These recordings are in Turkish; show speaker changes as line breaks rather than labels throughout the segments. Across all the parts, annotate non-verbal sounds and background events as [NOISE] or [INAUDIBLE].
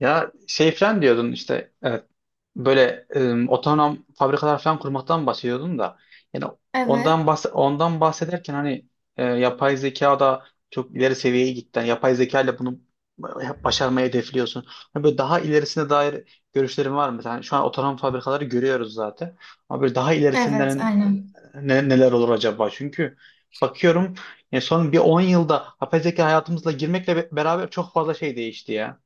Ya şey falan diyordun işte evet, böyle otonom fabrikalar falan kurmaktan bahsediyordun da yani
Evet,
ondan bahsederken hani yapay zeka da çok ileri seviyeye gitti. Yani yapay zeka ile bunu başarmayı hedefliyorsun. Hani böyle daha ilerisine dair görüşlerin var mı? Yani şu an otonom fabrikaları görüyoruz zaten. Ama böyle daha
evet,
ilerisinden
aynen.
neler olur acaba? Çünkü bakıyorum yani son bir 10 yılda yapay zeka hayatımızla girmekle beraber çok fazla şey değişti ya.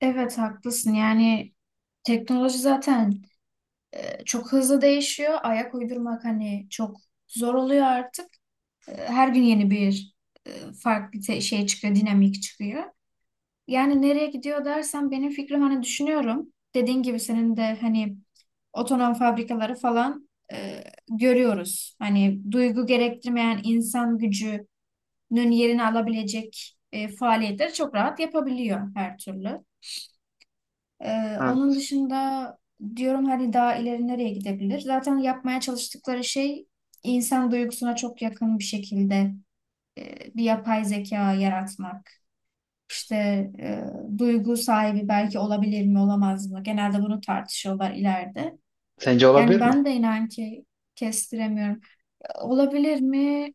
Evet, haklısın. Yani teknoloji zaten çok hızlı değişiyor. Ayak uydurmak hani çok zor oluyor artık. Her gün yeni bir e, farklı şey çıkıyor, dinamik çıkıyor. Yani nereye gidiyor dersen benim fikrim hani düşünüyorum. Dediğin gibi senin de hani otonom fabrikaları falan görüyoruz. Hani duygu gerektirmeyen insan gücünün yerini alabilecek faaliyetleri çok rahat yapabiliyor her türlü. Onun
Evet.
dışında diyorum hani daha ileri nereye gidebilir? Zaten yapmaya çalıştıkları şey insan duygusuna çok yakın bir şekilde bir yapay zeka yaratmak. İşte e, duygu sahibi belki olabilir mi olamaz mı? Genelde bunu tartışıyorlar ileride.
Sence
Yani
olabilir mi?
ben de inan ki kestiremiyorum. Olabilir mi?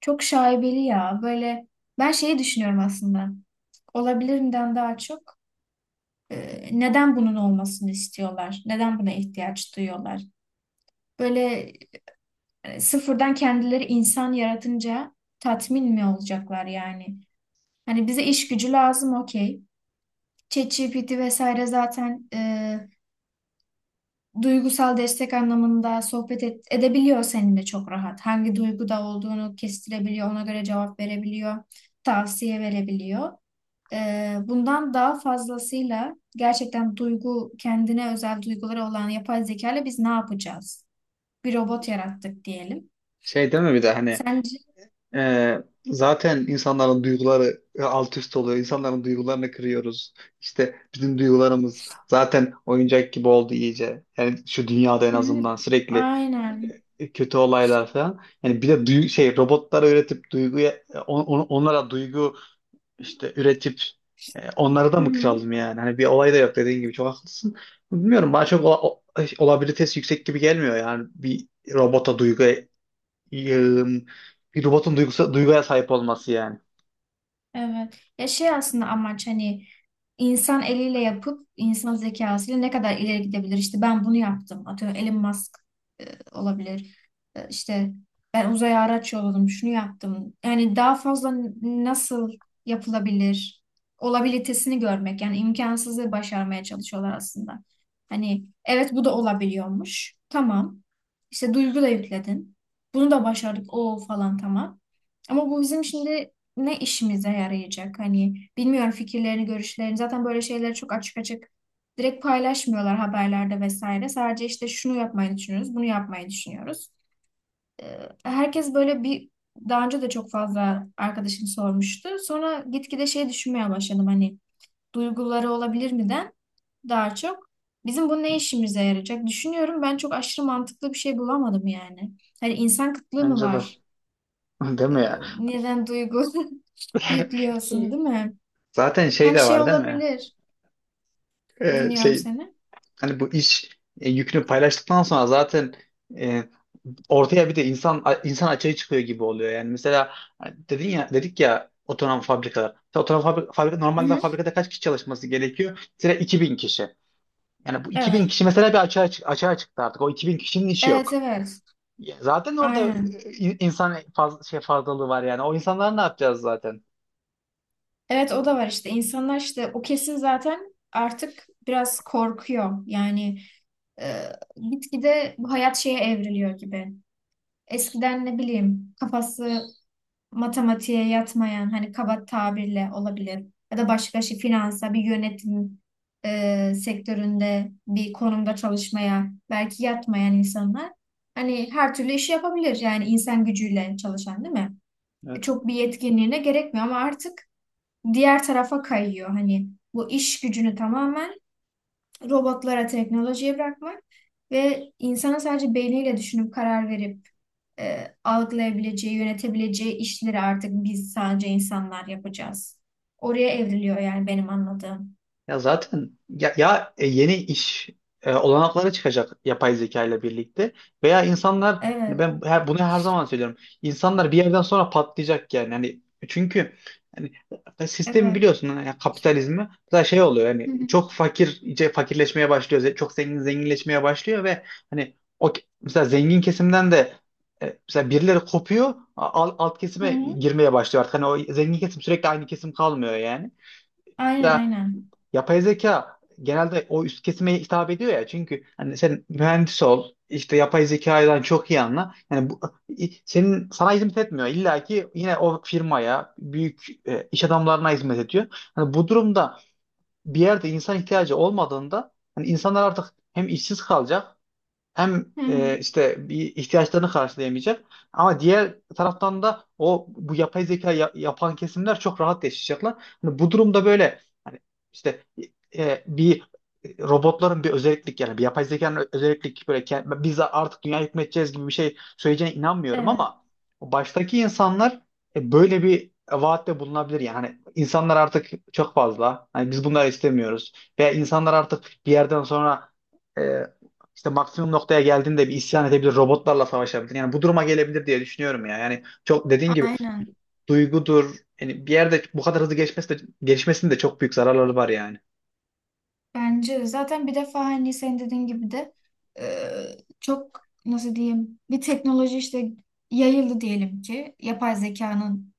Çok şaibeli ya. Böyle ben şeyi düşünüyorum aslında. Olabilirimden daha çok. Neden bunun olmasını istiyorlar? Neden buna ihtiyaç duyuyorlar? Böyle sıfırdan kendileri insan yaratınca tatmin mi olacaklar yani? Hani bize iş gücü lazım okey. ChatGPT vesaire zaten duygusal destek anlamında sohbet edebiliyor seninle çok rahat. Hangi duyguda olduğunu kestirebiliyor, ona göre cevap verebiliyor, tavsiye verebiliyor. Bundan daha fazlasıyla gerçekten duygu, kendine özel duyguları olan yapay zeka ile biz ne yapacağız? Bir robot yarattık diyelim.
Şey değil mi bir de hani
Sence?
e, zaten insanların duyguları alt üst oluyor. İnsanların duygularını kırıyoruz. İşte bizim duygularımız zaten oyuncak gibi oldu iyice. Yani şu dünyada en
Hı hı.
azından sürekli
Aynen.
kötü olaylar falan. Yani bir de şey robotlara üretip duyguya onlara duygu işte üretip onları da
Hı
mı
hı.
kıralım yani? Hani bir olay da yok dediğin gibi çok haklısın. Bilmiyorum bana çok olabilitesi yüksek gibi gelmiyor yani bir robota duygu e, bir robotun duyguya sahip olması yani.
Evet. Ya şey aslında amaç hani insan eliyle yapıp insan zekasıyla ne kadar ileri gidebilir? İşte ben bunu yaptım. Atıyorum Elon Musk e, olabilir. İşte ben uzaya araç yolladım. Şunu yaptım. Yani daha fazla nasıl yapılabilir? Olabilitesini görmek. Yani imkansızı başarmaya çalışıyorlar aslında. Hani evet bu da olabiliyormuş. Tamam. İşte duygu da yükledin. Bunu da başardık. O falan tamam. Ama bu bizim şimdi ne işimize yarayacak? Hani bilmiyorum fikirlerini, görüşlerini. Zaten böyle şeyleri çok açık açık direkt paylaşmıyorlar haberlerde vesaire. Sadece işte şunu yapmayı düşünüyoruz, bunu yapmayı düşünüyoruz. Ee, Herkes böyle bir daha önce de çok fazla arkadaşım sormuştu. Sonra gitgide şey düşünmeye başladım hani duyguları olabilir miden daha çok bizim bu ne işimize yarayacak düşünüyorum. Ben çok aşırı mantıklı bir şey bulamadım yani. Hani insan kıtlığı mı
Bence de.
var?
[LAUGHS] Değil
Ee,
mi ya?
Neden duygu [LAUGHS] yüklüyorsun değil mi?
Zaten şey
Yani
de
şey
var değil mi?
olabilir. Dinliyorum
Şey
seni.
hani bu iş yükünü paylaştıktan sonra zaten e, ortaya bir de insan insan açığı çıkıyor gibi oluyor. Yani mesela hani dedin ya dedik ya otonom fabrikalar. Mesela otonom fabrika
Hı
normalde
hı.
fabrikada kaç kişi çalışması gerekiyor? Mesela 2000 kişi. Yani bu 2000
Evet.
kişi mesela bir açığa çıktı artık. O 2000 kişinin işi
Evet
yok.
evet.
Ya zaten orada
Aynen.
insan şey fazlalığı var yani. O insanlar ne yapacağız zaten?
Evet o da var işte. İnsanlar işte o kesim zaten artık biraz korkuyor. Yani e, gitgide bu hayat şeye evriliyor gibi. Eskiden ne bileyim kafası matematiğe yatmayan hani kaba tabirle olabilir ya da başka şey finansa bir yönetim sektöründe bir konumda çalışmaya belki yatmayan insanlar hani her türlü işi yapabilir yani insan gücüyle çalışan değil mi?
Evet.
Çok bir yetkinliğine gerekmiyor ama artık diğer tarafa kayıyor hani bu iş gücünü tamamen robotlara teknolojiye bırakmak ve insanın sadece beyniyle düşünüp karar verip algılayabileceği, yönetebileceği işleri artık biz sadece insanlar yapacağız. Oraya evriliyor yani benim anladığım.
Ya zaten ya, yeni iş olanakları çıkacak yapay zeka ile birlikte veya insanlar hani
Evet,
ben bunu her zaman söylüyorum. İnsanlar bir yerden sonra patlayacak yani. Yani çünkü yani sistemi
evet.
biliyorsun yani kapitalizmi mesela şey oluyor
Hı
yani
hı.
çok fakir iyice fakirleşmeye başlıyor. Çok zengin zenginleşmeye başlıyor ve hani o mesela zengin kesimden de mesela birileri kopuyor alt
Hı
kesime
hı.
girmeye başlıyor artık. Hani o zengin kesim sürekli aynı kesim kalmıyor yani
Aynen, aynen.
yapay zeka genelde o üst kesime hitap ediyor ya çünkü hani sen mühendis ol işte yapay zekadan çok iyi anla yani bu, sana hizmet etmiyor illa ki yine o firmaya büyük iş adamlarına hizmet ediyor hani bu durumda bir yerde insan ihtiyacı olmadığında hani insanlar artık hem işsiz kalacak hem
Hı hı.
işte bir ihtiyaçlarını karşılayamayacak ama diğer taraftan da o bu yapay zeka yapan kesimler çok rahat yaşayacaklar. Hani bu durumda böyle hani işte bir robotların bir özellik yani bir yapay zekanın özellik böyle biz artık dünya hükmedeceğiz gibi bir şey söyleyeceğine inanmıyorum
Evet.
ama baştaki insanlar böyle bir vaatte bulunabilir yani. Hani insanlar artık çok fazla hani biz bunları istemiyoruz veya insanlar artık bir yerden sonra e, işte maksimum noktaya geldiğinde bir isyan edebilir, robotlarla savaşabilir. Yani bu duruma gelebilir diye düşünüyorum ya. Yani çok dediğin gibi
Aynen.
duygudur. Yani bir yerde bu kadar hızlı geçmesi de, gelişmesinin de çok büyük zararları var yani.
Bence de. Zaten bir defa hani sen dediğin gibi de çok nasıl diyeyim bir teknoloji işte yayıldı diyelim ki yapay zekanın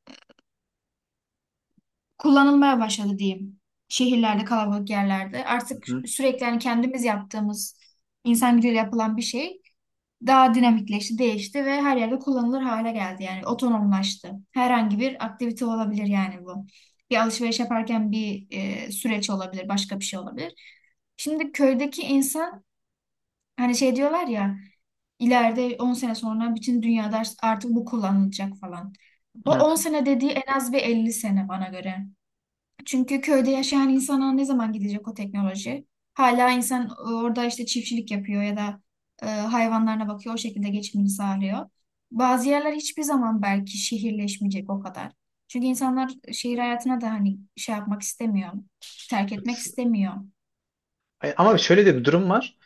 kullanılmaya başladı diyeyim. Şehirlerde, kalabalık yerlerde.
Hı
Artık
hı.
sürekli hani kendimiz yaptığımız insan gücüyle yapılan bir şey daha dinamikleşti, değişti ve her yerde kullanılır hale geldi. Yani otonomlaştı. Herhangi bir aktivite olabilir yani bu. Bir alışveriş yaparken bir süreç olabilir, başka bir şey olabilir. Şimdi köydeki insan hani şey diyorlar ya ileride 10 sene sonra bütün dünyada artık bu kullanılacak falan. O 10
Evet.
sene dediği en az bir 50 sene bana göre. Çünkü köyde yaşayan insana ne zaman gidecek o teknoloji? Hala insan orada işte çiftçilik yapıyor ya da hayvanlarına bakıyor, o şekilde geçimini sağlıyor. Bazı yerler hiçbir zaman belki şehirleşmeyecek o kadar. Çünkü insanlar şehir hayatına da hani şey yapmak istemiyor, terk etmek istemiyor.
Ama
E,
şöyle de bir durum var.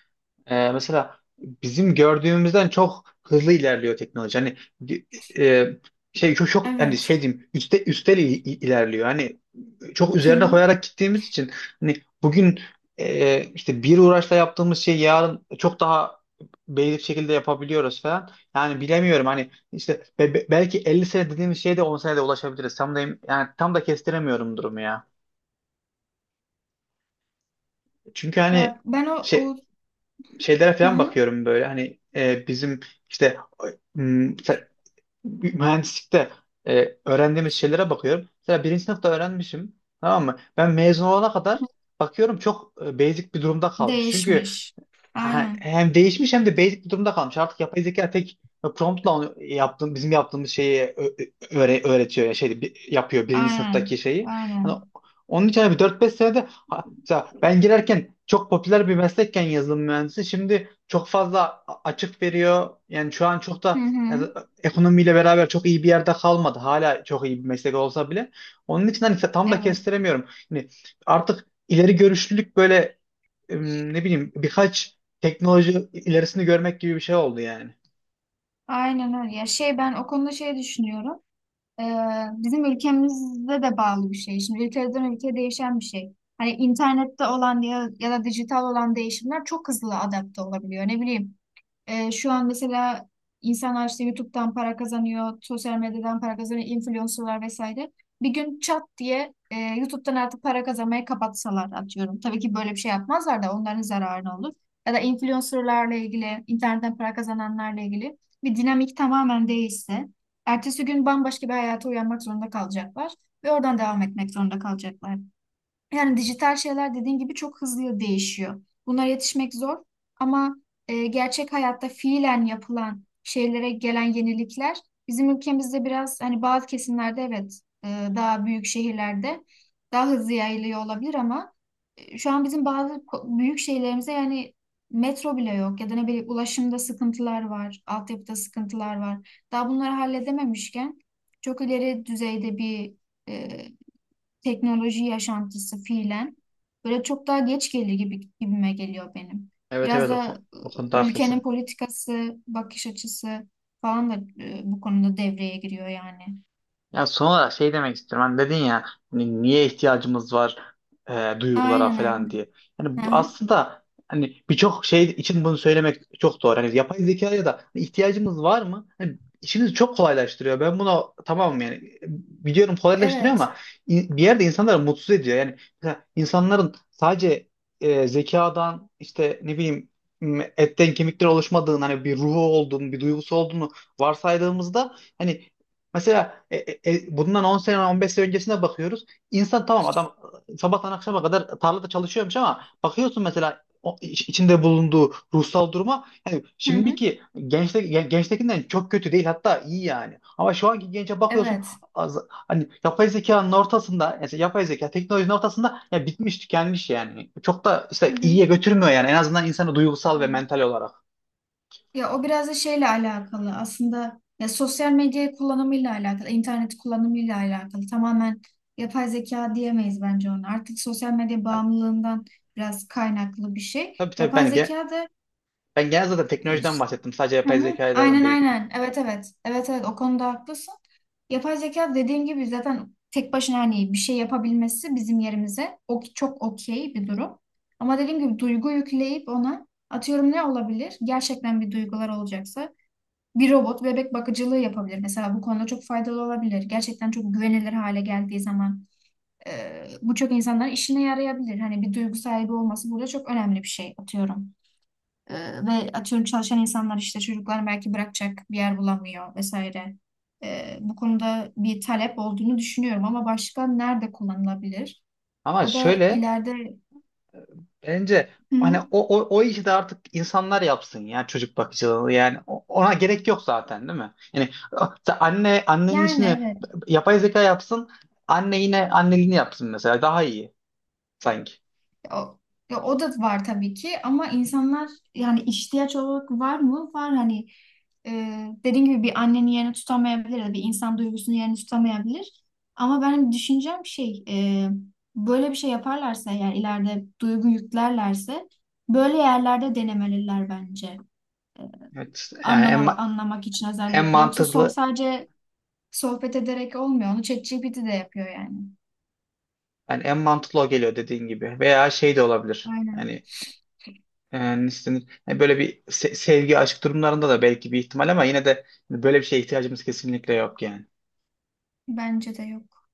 Mesela bizim gördüğümüzden çok hızlı ilerliyor teknoloji. Hani e, şey çok çok hani
evet.
şey diyeyim üstel ilerliyor. Hani çok
Hı
üzerine
hı.
koyarak gittiğimiz için hani bugün işte bir uğraşla yaptığımız şeyi yarın çok daha belirli bir şekilde yapabiliyoruz falan. Yani bilemiyorum hani işte belki 50 sene dediğimiz şeye de 10 senede ulaşabiliriz. Tam da yani tam da kestiremiyorum durumu ya. Çünkü hani
Ya ben o,
şey
o
şeylere
hı
falan
hı.
bakıyorum böyle hani bizim işte m, se- mühendislikte öğrendiğimiz şeylere bakıyorum. Mesela birinci sınıfta öğrenmişim tamam mı? Ben mezun olana kadar bakıyorum çok basic bir durumda kalmış. Çünkü
Değişmiş. Aynen,
Hem değişmiş hem de basic bir durumda kalmış. Artık yapay zeka tek promptla onu yaptığım, bizim yaptığımız şeyi öğretiyor ya şeydi yapıyor birinci sınıftaki
aynen,
şeyi. Hani
aynen.
onun için hani bir 4 5 senede mesela ben girerken çok popüler bir meslekken yazılım mühendisi şimdi çok fazla açık veriyor. Yani şu an çok
Hı
da
hı.
yani, ekonomiyle beraber çok iyi bir yerde kalmadı. Hala çok iyi bir meslek olsa bile. Onun için hani tam da
Evet,
kestiremiyorum. Yani artık ileri görüşlülük böyle ne bileyim birkaç teknoloji ilerisini görmek gibi bir şey oldu yani.
aynen öyle. Ya şey ben o konuda şey düşünüyorum. Ee, Bizim ülkemizde de bağlı bir şey. Şimdi ülkeden ülkeye değişen bir şey. Hani internette olan ya, ya da dijital olan değişimler çok hızlı adapte olabiliyor. Ne bileyim şu an mesela insanlar işte YouTube'dan para kazanıyor, sosyal medyadan para kazanıyor, influencerlar vesaire. Bir gün çat diye YouTube'dan artık para kazanmayı kapatsalar atıyorum. Tabii ki böyle bir şey yapmazlar da onların zararına olur. Ya da influencerlarla ilgili, internetten para kazananlarla ilgili bir dinamik tamamen değişse, ertesi gün bambaşka bir hayata uyanmak zorunda kalacaklar ve oradan devam etmek zorunda kalacaklar. Yani dijital şeyler dediğin gibi çok hızlı değişiyor. Bunlara yetişmek zor ama gerçek hayatta fiilen yapılan şeylere gelen yenilikler bizim ülkemizde biraz hani bazı kesimlerde evet daha büyük şehirlerde daha hızlı yayılıyor olabilir ama şu an bizim bazı büyük şehirlerimize yani metro bile yok ya da ne bileyim ulaşımda sıkıntılar var, altyapıda sıkıntılar var. Daha bunları halledememişken çok ileri düzeyde bir e, teknoloji yaşantısı fiilen böyle çok daha geç gelir gibi gibime geliyor benim.
Evet,
Biraz
evet, o,
da
o konuda
ülkenin
haklısın.
politikası, bakış açısı falan da bu konuda devreye giriyor yani.
Ya son olarak şey demek istiyorum. Hani dedin ya hani niye ihtiyacımız var duygulara
Aynen
falan
aynen.
diye. Yani
Hı
bu
hı.
aslında hani birçok şey için bunu söylemek çok doğru. Hani yapay zekaya da ihtiyacımız var mı? Hani işimizi çok kolaylaştırıyor. Ben buna tamamım yani. Biliyorum kolaylaştırıyor
Evet.
ama bir yerde insanları mutsuz ediyor. Yani mesela insanların sadece zekadan işte ne bileyim etten kemikten oluşmadığını hani bir ruhu olduğunu, bir duygusu olduğunu varsaydığımızda hani mesela bundan 10 sene 15 sene öncesine bakıyoruz. İnsan tamam adam sabahtan akşama kadar tarlada çalışıyormuş ama bakıyorsun mesela o içinde bulunduğu ruhsal duruma yani
Hı hı.
şimdiki gençtekinden çok kötü değil hatta iyi yani. Ama şu anki gence bakıyorsun
Evet.
az, hani yapay zekanın ortasında mesela yapay zeka teknolojinin ortasında ya bitmiş tükenmiş yani. Çok da
Hı
işte
hı.
iyiye götürmüyor yani en azından insanı duygusal ve
Evet.
mental olarak.
Ya o biraz da şeyle alakalı aslında ya sosyal medya kullanımıyla alakalı, internet kullanımıyla alakalı. Tamamen yapay zeka diyemeyiz bence ona. Artık sosyal medya
Yani
bağımlılığından biraz kaynaklı bir şey.
tabii, tabii
Yapay
ben
zeka da
ben genel zaten
e,
teknolojiden
ş-
bahsettim. Sadece
Hı
yapay
hı.
zekadan
Aynen
değil.
aynen. Evet evet. Evet evet o konuda haklısın. Yapay zeka dediğim gibi zaten tek başına hani bir şey yapabilmesi bizim yerimize o çok okey bir durum. Ama dediğim gibi duygu yükleyip ona atıyorum ne olabilir? Gerçekten bir duygular olacaksa bir robot bebek bakıcılığı yapabilir. Mesela bu konuda çok faydalı olabilir. Gerçekten çok güvenilir hale geldiği zaman bu çok insanların işine yarayabilir. Hani bir duygu sahibi olması burada çok önemli bir şey atıyorum. E, Ve atıyorum çalışan insanlar işte çocuklar belki bırakacak bir yer bulamıyor vesaire. Bu konuda bir talep olduğunu düşünüyorum ama başka nerede kullanılabilir?
Ama
O da
şöyle
ileride
bence
Hı
hani
hı.
o işi de artık insanlar yapsın ya çocuk bakıcılığı yani ona gerek yok zaten değil mi? Yani sen annenin
Yani
işini
evet.
yapay zeka yapsın anne yine anneliğini yapsın mesela daha iyi sanki.
O, ya o da var tabii ki ama insanlar yani ihtiyaç olarak var mı? Var hani e, dediğim gibi bir annenin yerini tutamayabilir ya da bir insan duygusunun yerini tutamayabilir. Ama benim düşüncem şey böyle bir şey yaparlarsa eğer ileride duygu yüklerlerse böyle yerlerde denemeliler bence.
Evet, yani en,
Anlama,
ma-
anlamak için
en
özellikle. Yoksa sol
mantıklı
sadece sohbet ederek olmuyor. Onu ChatGPT de yapıyor yani.
yani en mantıklı o geliyor dediğin gibi veya şey de olabilir.
Aynen.
Yani istenir. Yani böyle bir sevgi, aşk durumlarında da belki bir ihtimal ama yine de hani böyle bir şeye ihtiyacımız kesinlikle yok yani.
Bence de yok.